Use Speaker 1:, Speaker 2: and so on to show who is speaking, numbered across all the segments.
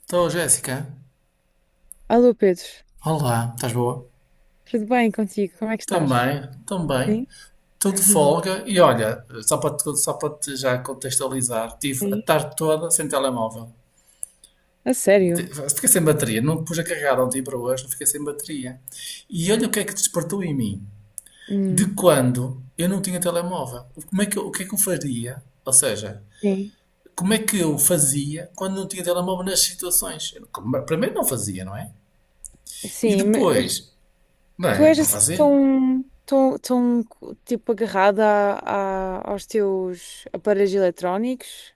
Speaker 1: Estou, Jéssica.
Speaker 2: Alô Pedro,
Speaker 1: Olá, estás boa?
Speaker 2: tudo bem contigo? Como é que estás?
Speaker 1: Também, também.
Speaker 2: Sim,
Speaker 1: Estou de folga e olha, só para te já contextualizar, tive a
Speaker 2: sim.
Speaker 1: tarde toda sem telemóvel.
Speaker 2: A sério?
Speaker 1: Fiquei sem bateria, não pus a carregar ontem para hoje, fiquei sem bateria. E olha o que é que despertou em mim. De
Speaker 2: Hum,
Speaker 1: quando eu não tinha telemóvel. Como é que eu- O que é que eu faria? Ou seja,
Speaker 2: sim.
Speaker 1: como é que eu fazia quando não tinha telemóvel nas situações? Primeiro não fazia, não é? E
Speaker 2: Sim, mas
Speaker 1: depois, não
Speaker 2: tu
Speaker 1: é?
Speaker 2: és
Speaker 1: Não
Speaker 2: assim
Speaker 1: fazia.
Speaker 2: tão, tão, tão tipo agarrada aos teus aparelhos eletrónicos?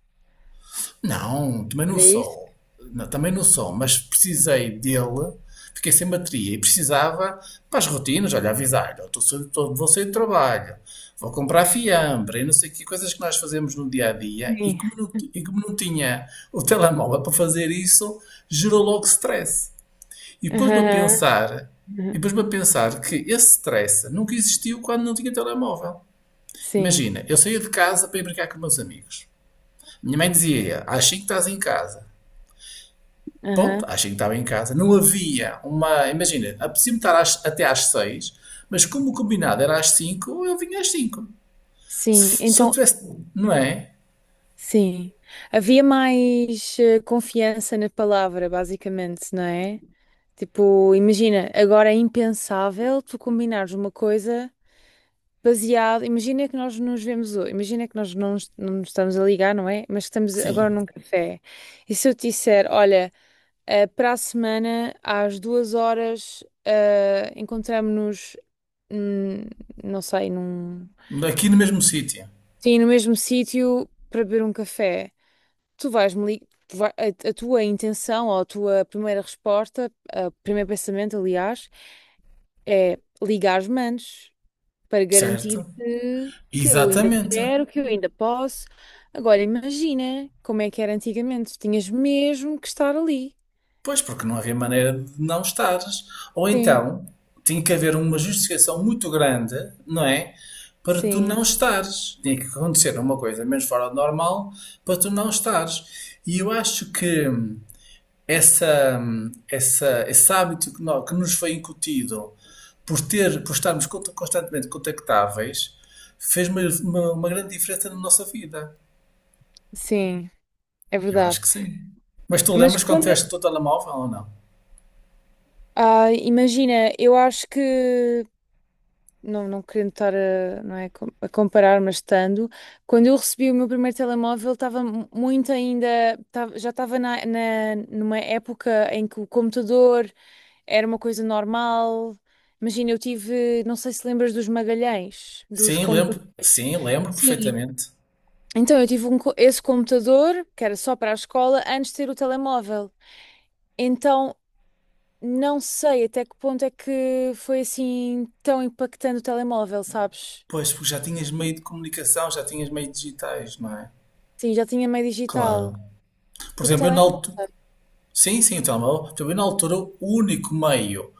Speaker 1: Não, também não
Speaker 2: Era isso?
Speaker 1: sou. Não, também não sou, mas precisei dele, fiquei sem bateria e precisava para as rotinas, olha, avisar-lhe, "Ó, vou sair do trabalho, vou comprar fiambre e não sei que coisas que nós fazemos no dia a dia e
Speaker 2: Sim.
Speaker 1: como não tinha o telemóvel para fazer isso, gerou logo stress. E depois me a
Speaker 2: Aham.
Speaker 1: pensar, e
Speaker 2: Aham.
Speaker 1: depois me a pensar que esse stress nunca existiu quando não tinha telemóvel.
Speaker 2: Sim.
Speaker 1: Imagina, eu saía de casa para ir brincar com meus amigos. Minha mãe dizia, às 5 estás em casa. Ponto,
Speaker 2: Aham.
Speaker 1: achei que estava em casa. Não havia uma. Imagina, apetecia-me estar até às seis, mas como o combinado era às cinco, eu vinha às cinco.
Speaker 2: Sim,
Speaker 1: Se eu
Speaker 2: então,
Speaker 1: tivesse. Não é?
Speaker 2: sim. Havia mais confiança na palavra, basicamente, não é? Tipo, imagina, agora é impensável tu combinares uma coisa baseada. Imagina que nós nos vemos hoje, imagina que nós não nos estamos a ligar, não é? Mas que estamos agora num
Speaker 1: Sim.
Speaker 2: café. E se eu te disser, olha, para a semana, às 2 horas, encontramos-nos, não sei, num.
Speaker 1: Aqui no mesmo sítio.
Speaker 2: Sim, no mesmo sítio para beber um café. Tu vais-me ligar. A tua intenção ou a tua primeira resposta, o primeiro pensamento, aliás, é ligar as mãos para garantir
Speaker 1: Certo?
Speaker 2: que eu ainda
Speaker 1: Exatamente.
Speaker 2: quero, que eu ainda posso. Agora imagina como é que era antigamente. Tinhas mesmo que estar ali.
Speaker 1: Pois, porque não havia maneira de não estares. Ou
Speaker 2: Sim,
Speaker 1: então, tinha que haver uma justificação muito grande, não é? Para tu
Speaker 2: sim,
Speaker 1: não estares. Tinha que acontecer uma coisa menos fora do normal para tu não estares. E eu acho que. essa, esse hábito que nos foi incutido por estarmos constantemente contactáveis, fez uma grande diferença na nossa vida.
Speaker 2: sim, é
Speaker 1: Eu acho
Speaker 2: verdade.
Speaker 1: que sim. Mas tu
Speaker 2: Mas
Speaker 1: lembras quando
Speaker 2: quando.
Speaker 1: tiveste o teu telemóvel ou não?
Speaker 2: Ah, imagina, eu acho que. Não, não querendo estar a, não é, a comparar, mas estando, quando eu recebi o meu primeiro telemóvel, estava muito ainda, já estava numa época em que o computador era uma coisa normal. Imagina, eu tive, não sei se lembras dos Magalhães, dos
Speaker 1: Sim, lembro.
Speaker 2: computadores.
Speaker 1: Sim, lembro
Speaker 2: Sim.
Speaker 1: perfeitamente.
Speaker 2: Então eu tive esse computador, que era só para a escola, antes de ter o telemóvel. Então não sei até que ponto é que foi assim tão impactante o telemóvel, sabes?
Speaker 1: Pois, porque já tinhas meio de comunicação, já tinhas meio digitais, não é?
Speaker 2: Sim, já tinha meio digital.
Speaker 1: Claro. Por
Speaker 2: Porque
Speaker 1: exemplo, eu na
Speaker 2: Não
Speaker 1: altura. Sim, sim, o telemóvel. Por exemplo, eu na altura, o único meio,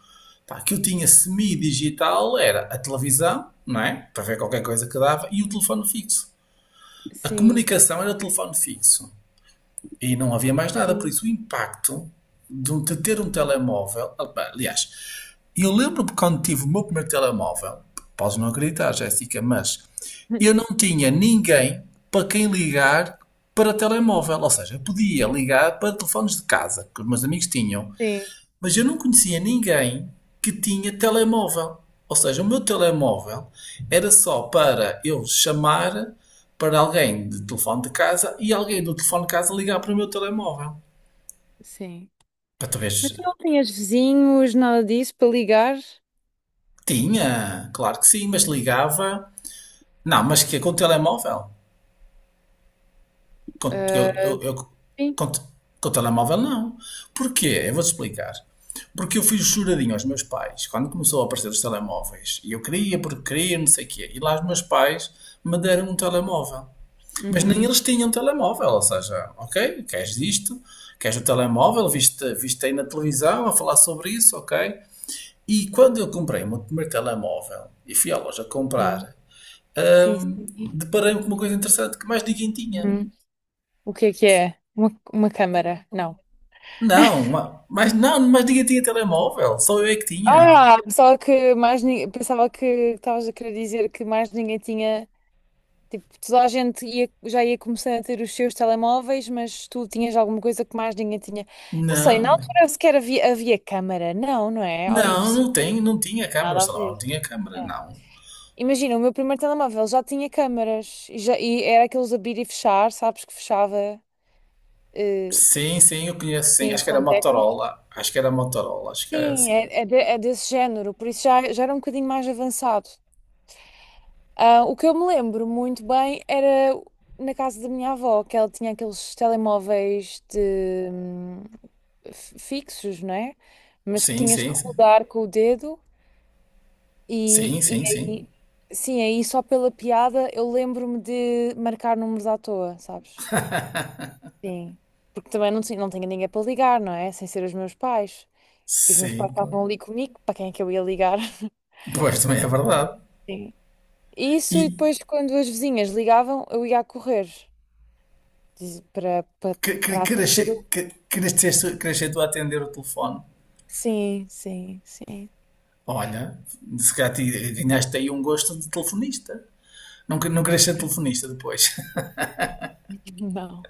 Speaker 1: pá, que eu tinha semi-digital era a televisão, não é? Para ver qualquer coisa que dava, e o telefone fixo. A
Speaker 2: sei.
Speaker 1: comunicação era o telefone fixo. E não havia mais
Speaker 2: Sim.
Speaker 1: nada, por
Speaker 2: Sim.
Speaker 1: isso o impacto de ter um telemóvel. Aliás, eu lembro-me quando tive o meu primeiro telemóvel, podes não acreditar, Jéssica, mas eu não tinha ninguém para quem ligar para telemóvel. Ou seja, eu podia ligar para telefones de casa, que os meus amigos tinham,
Speaker 2: Sim.
Speaker 1: mas eu não conhecia ninguém que tinha telemóvel. Ou seja, o meu telemóvel era só para eu chamar para alguém de telefone de casa e alguém do telefone de casa ligar para o meu telemóvel.
Speaker 2: Sim.
Speaker 1: Para talvez.
Speaker 2: Mas tu não tinhas vizinhos, nada disso para ligar?
Speaker 1: Tinha, claro que sim, mas ligava. Não, mas que com o telemóvel? Com,
Speaker 2: Ah,
Speaker 1: eu,
Speaker 2: sim.
Speaker 1: com, te- com o telemóvel, não. Porquê? Eu vou-te explicar. Porque eu fiz juradinho aos meus pais quando começou a aparecer os telemóveis. E eu queria, porque queria, não sei o quê. E lá os meus pais me deram um telemóvel. Mas nem
Speaker 2: Uhum.
Speaker 1: eles tinham telemóvel. Ou seja, ok, queres isto? Queres o telemóvel? Viste, viste aí na televisão a falar sobre isso? Ok. E quando eu comprei o meu primeiro telemóvel e fui à loja
Speaker 2: Sim.
Speaker 1: comprar,
Speaker 2: Sim, sim.
Speaker 1: deparei-me com uma coisa interessante que mais ninguém tinha.
Speaker 2: Uhum. O que é que é? Uma câmara? Não.
Speaker 1: Não, mas não, mas ninguém tinha telemóvel, só eu é que tinha.
Speaker 2: Ah, pensava que pensava que estavas a querer dizer que mais ninguém tinha, tipo, toda a gente ia, já ia começando a ter os seus telemóveis, mas tu tinhas alguma coisa que mais ninguém tinha. Não sei, na
Speaker 1: Não,
Speaker 2: altura sequer havia, havia câmara. Não, não é? Oh,
Speaker 1: não,
Speaker 2: impossível.
Speaker 1: não tem, não tinha câmara,
Speaker 2: Nada a
Speaker 1: só não, não
Speaker 2: ver.
Speaker 1: tinha câmara,
Speaker 2: É.
Speaker 1: não.
Speaker 2: Imagina, o meu primeiro telemóvel já tinha câmaras e, já, e era aqueles abrir e fechar, sabes que fechava eh,
Speaker 1: Sim, sim, eu conheço, sim,
Speaker 2: sim,
Speaker 1: acho que era
Speaker 2: com teclas.
Speaker 1: Motorola, acho que era Motorola, acho que era
Speaker 2: Sim,
Speaker 1: assim.
Speaker 2: é desse género, por isso já, já era um bocadinho mais avançado. Ah, o que eu me lembro muito bem era na casa da minha avó, que ela tinha aqueles telemóveis de, fixos, não é? Mas que
Speaker 1: Sim,
Speaker 2: tinhas que
Speaker 1: sim, sim,
Speaker 2: rodar com o dedo e,
Speaker 1: sim, sim, sim,
Speaker 2: aí, sim, aí só pela piada eu lembro-me de marcar números à toa, sabes? Sim. Porque também não, não tinha ninguém para ligar, não é? Sem ser os meus pais. E os meus pais
Speaker 1: sim, claro.
Speaker 2: estavam ali comigo, para quem é que eu ia ligar?
Speaker 1: Pois também é verdade.
Speaker 2: Isso e
Speaker 1: E
Speaker 2: depois quando as vizinhas ligavam, eu ia a correr diz- para para para
Speaker 1: que,
Speaker 2: atender.
Speaker 1: nasce- que nasceste tu a atender o telefone?
Speaker 2: Sim, sim, sim.
Speaker 1: Olha, se calhar ganhaste aí um gosto de telefonista. Não, não queres ser telefonista depois.
Speaker 2: Não.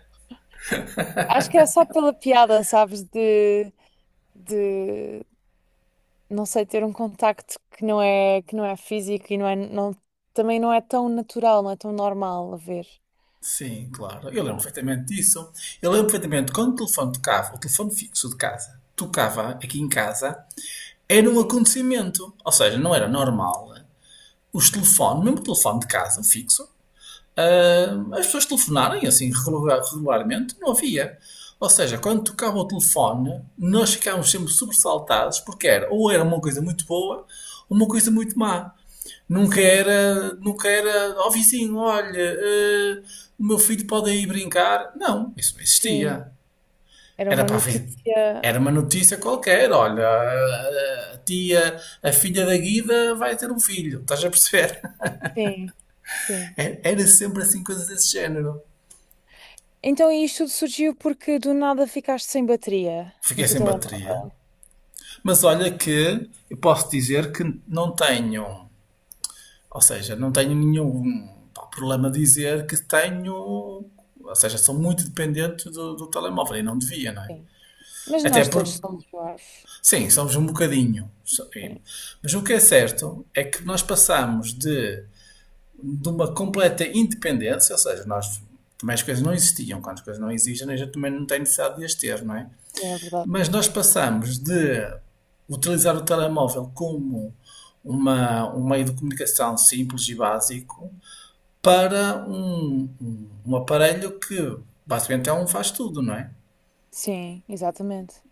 Speaker 2: Acho que é só pela piada, sabes, de de não sei ter um contacto que não é, físico e não é não também não é tão natural, não é tão normal a ver.
Speaker 1: Sim, claro. Eu lembro
Speaker 2: Yeah.
Speaker 1: perfeitamente disso. Eu lembro perfeitamente quando o telefone tocava, o telefone fixo de casa, tocava aqui em casa, era um
Speaker 2: Sim.
Speaker 1: acontecimento. Ou seja, não era normal os telefones, mesmo o telefone de casa, o fixo, ah, as pessoas telefonarem assim regularmente, não havia. Ou seja, quando tocava o telefone, nós ficávamos sempre sobressaltados, porque era uma coisa muito boa ou uma coisa muito má. Nunca
Speaker 2: Sim.
Speaker 1: era, nunca era, ó, oh, vizinho, olha, eh, o meu filho pode ir brincar. Não, isso não
Speaker 2: Sim.
Speaker 1: existia.
Speaker 2: Era
Speaker 1: Era
Speaker 2: uma
Speaker 1: para a
Speaker 2: notícia.
Speaker 1: era uma notícia qualquer, olha, ah, a tia, a filha da Guida vai ter um filho, estás a perceber?
Speaker 2: Sim. Sim.
Speaker 1: Era sempre assim coisas desse género.
Speaker 2: Então isto surgiu porque do nada ficaste sem bateria no
Speaker 1: Fiquei
Speaker 2: teu
Speaker 1: sem bateria.
Speaker 2: telemóvel.
Speaker 1: Mas olha que eu posso dizer que não tenho, ou seja, não tenho nenhum, pá, problema de dizer que tenho, ou seja, sou muito dependente do telemóvel e não devia, não é?
Speaker 2: Sim. Mas
Speaker 1: Até
Speaker 2: nós todos
Speaker 1: porque,
Speaker 2: somos parvos.
Speaker 1: sim, somos um bocadinho.
Speaker 2: Sim,
Speaker 1: Mas o que é certo é que nós passamos de uma completa independência, ou seja, nós também as coisas não existiam. Quando as coisas não existem, a gente também não tem necessidade de as ter, não é?
Speaker 2: sim, é verdade.
Speaker 1: Mas nós passamos de utilizar o telemóvel como um meio de comunicação simples e básico para um aparelho que basicamente é um faz tudo, não é?
Speaker 2: Sim, exatamente.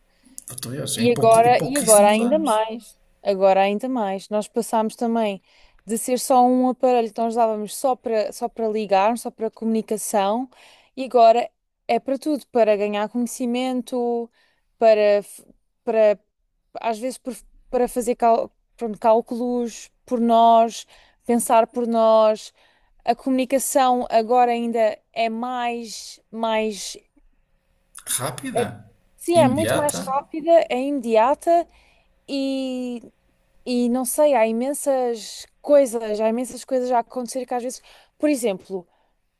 Speaker 1: Português, em,
Speaker 2: E
Speaker 1: pouco, em
Speaker 2: agora, e agora
Speaker 1: pouquíssimos
Speaker 2: ainda
Speaker 1: anos.
Speaker 2: mais. Agora ainda mais. Nós passámos também de ser só um aparelho que nós usávamos só para ligar, só para comunicação, e agora é para tudo, para ganhar conhecimento, para f- para às vezes para fazer pronto, cálculos por nós, pensar por nós. A comunicação agora ainda é mais é-
Speaker 1: Rápida,
Speaker 2: Sim, é muito mais
Speaker 1: imediata.
Speaker 2: rápida, é imediata e, não sei, há imensas coisas a acontecer que às vezes, por exemplo,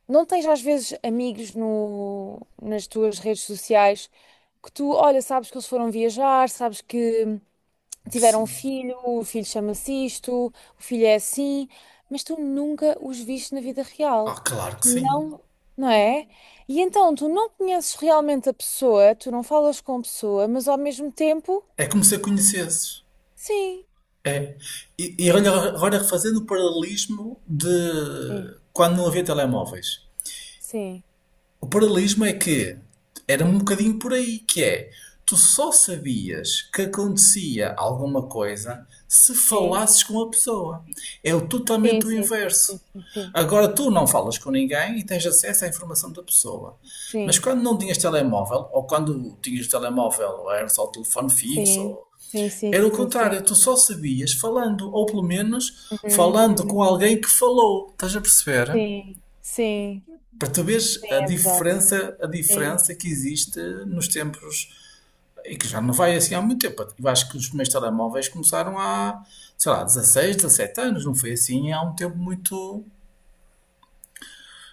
Speaker 2: não tens às vezes amigos no, nas tuas redes sociais que tu, olha, sabes que eles foram viajar, sabes que tiveram um
Speaker 1: Sim.
Speaker 2: filho, o filho chama-se isto, o filho é assim, mas tu nunca os viste na vida real.
Speaker 1: Ah, claro que
Speaker 2: Tu
Speaker 1: sim.
Speaker 2: não, não é? E então tu não conheces realmente a pessoa, tu não falas com a pessoa, mas ao mesmo tempo,
Speaker 1: É como se a conhecesses.
Speaker 2: sim.
Speaker 1: É. E olha, agora fazendo o paralelismo de
Speaker 2: Sim,
Speaker 1: quando não havia telemóveis.
Speaker 2: sim,
Speaker 1: O paralelismo é que era um bocadinho por aí, que é tu só sabias que acontecia alguma coisa se
Speaker 2: sim.
Speaker 1: falasses com a pessoa. É o
Speaker 2: Sim,
Speaker 1: totalmente o
Speaker 2: sim, sim,
Speaker 1: inverso.
Speaker 2: sim, sim,
Speaker 1: Agora tu não falas com ninguém e tens acesso à informação da pessoa. Mas
Speaker 2: sim.
Speaker 1: quando não tinhas telemóvel, ou quando tinhas telemóvel, era só o telefone fixo,
Speaker 2: Sim,
Speaker 1: ou
Speaker 2: sim, sim,
Speaker 1: era o
Speaker 2: sim, sim. Sim.
Speaker 1: contrário, tu só sabias falando, ou pelo menos
Speaker 2: Uhum,
Speaker 1: falando
Speaker 2: uhum.
Speaker 1: com alguém que falou. Estás a perceber?
Speaker 2: Sim, sim,
Speaker 1: Para tu veres
Speaker 2: é verdade.
Speaker 1: a
Speaker 2: Sim.
Speaker 1: diferença que existe nos tempos, e que já não vai assim há muito tempo. Eu acho que os primeiros telemóveis começaram há, sei lá, 16 17 anos, não foi assim há um tempo muito.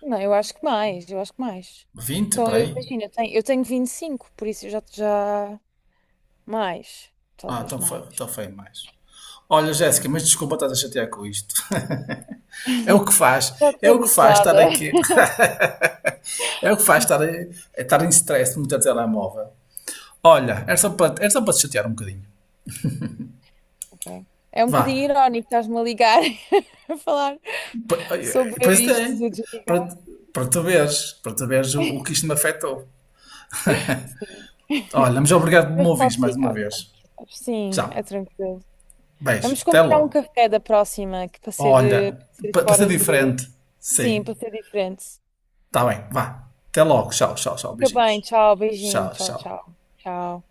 Speaker 2: Não, eu acho que mais, eu acho que mais.
Speaker 1: 20
Speaker 2: Então,
Speaker 1: para
Speaker 2: eu
Speaker 1: aí.
Speaker 2: imagino, eu tenho 25, por isso eu já, já mais,
Speaker 1: Ah,
Speaker 2: talvez
Speaker 1: então foi,
Speaker 2: mais.
Speaker 1: então foi mais. Olha,
Speaker 2: Sim.
Speaker 1: Jéssica, mas desculpa estar a chatear com isto. É o que
Speaker 2: Já
Speaker 1: faz, é
Speaker 2: estou
Speaker 1: o que faz
Speaker 2: habituada.
Speaker 1: estar aqui, é o que faz estar, é estar em stress muito a telemóvel. Olha, era só para te chatear um bocadinho.
Speaker 2: Ok. É um
Speaker 1: Vá,
Speaker 2: bocadinho irónico estás-me a ligar a falar sobre
Speaker 1: Pois
Speaker 2: isto
Speaker 1: tem.
Speaker 2: de
Speaker 1: Para,
Speaker 2: desligar.
Speaker 1: para tu
Speaker 2: Sim,
Speaker 1: veres, para tu veres o que isto me afetou.
Speaker 2: sim.
Speaker 1: Olha, mas obrigado por me
Speaker 2: Mas
Speaker 1: ouvires
Speaker 2: posso
Speaker 1: mais uma
Speaker 2: ligar quando
Speaker 1: vez.
Speaker 2: quiseres. Sim, é
Speaker 1: Tchau.
Speaker 2: tranquilo.
Speaker 1: Beijo.
Speaker 2: Vamos
Speaker 1: Até
Speaker 2: combinar um
Speaker 1: logo.
Speaker 2: café da próxima, que para ser,
Speaker 1: Olha,
Speaker 2: para ser
Speaker 1: para ser
Speaker 2: fora de.
Speaker 1: diferente.
Speaker 2: Sim,
Speaker 1: Sim.
Speaker 2: para ser diferente.
Speaker 1: Está bem. Vá. Até logo. Tchau, tchau, tchau.
Speaker 2: Fica bem,
Speaker 1: Beijinhos.
Speaker 2: tchau, beijinho,
Speaker 1: Tchau,
Speaker 2: tchau,
Speaker 1: tchau.
Speaker 2: tchau. Tchau.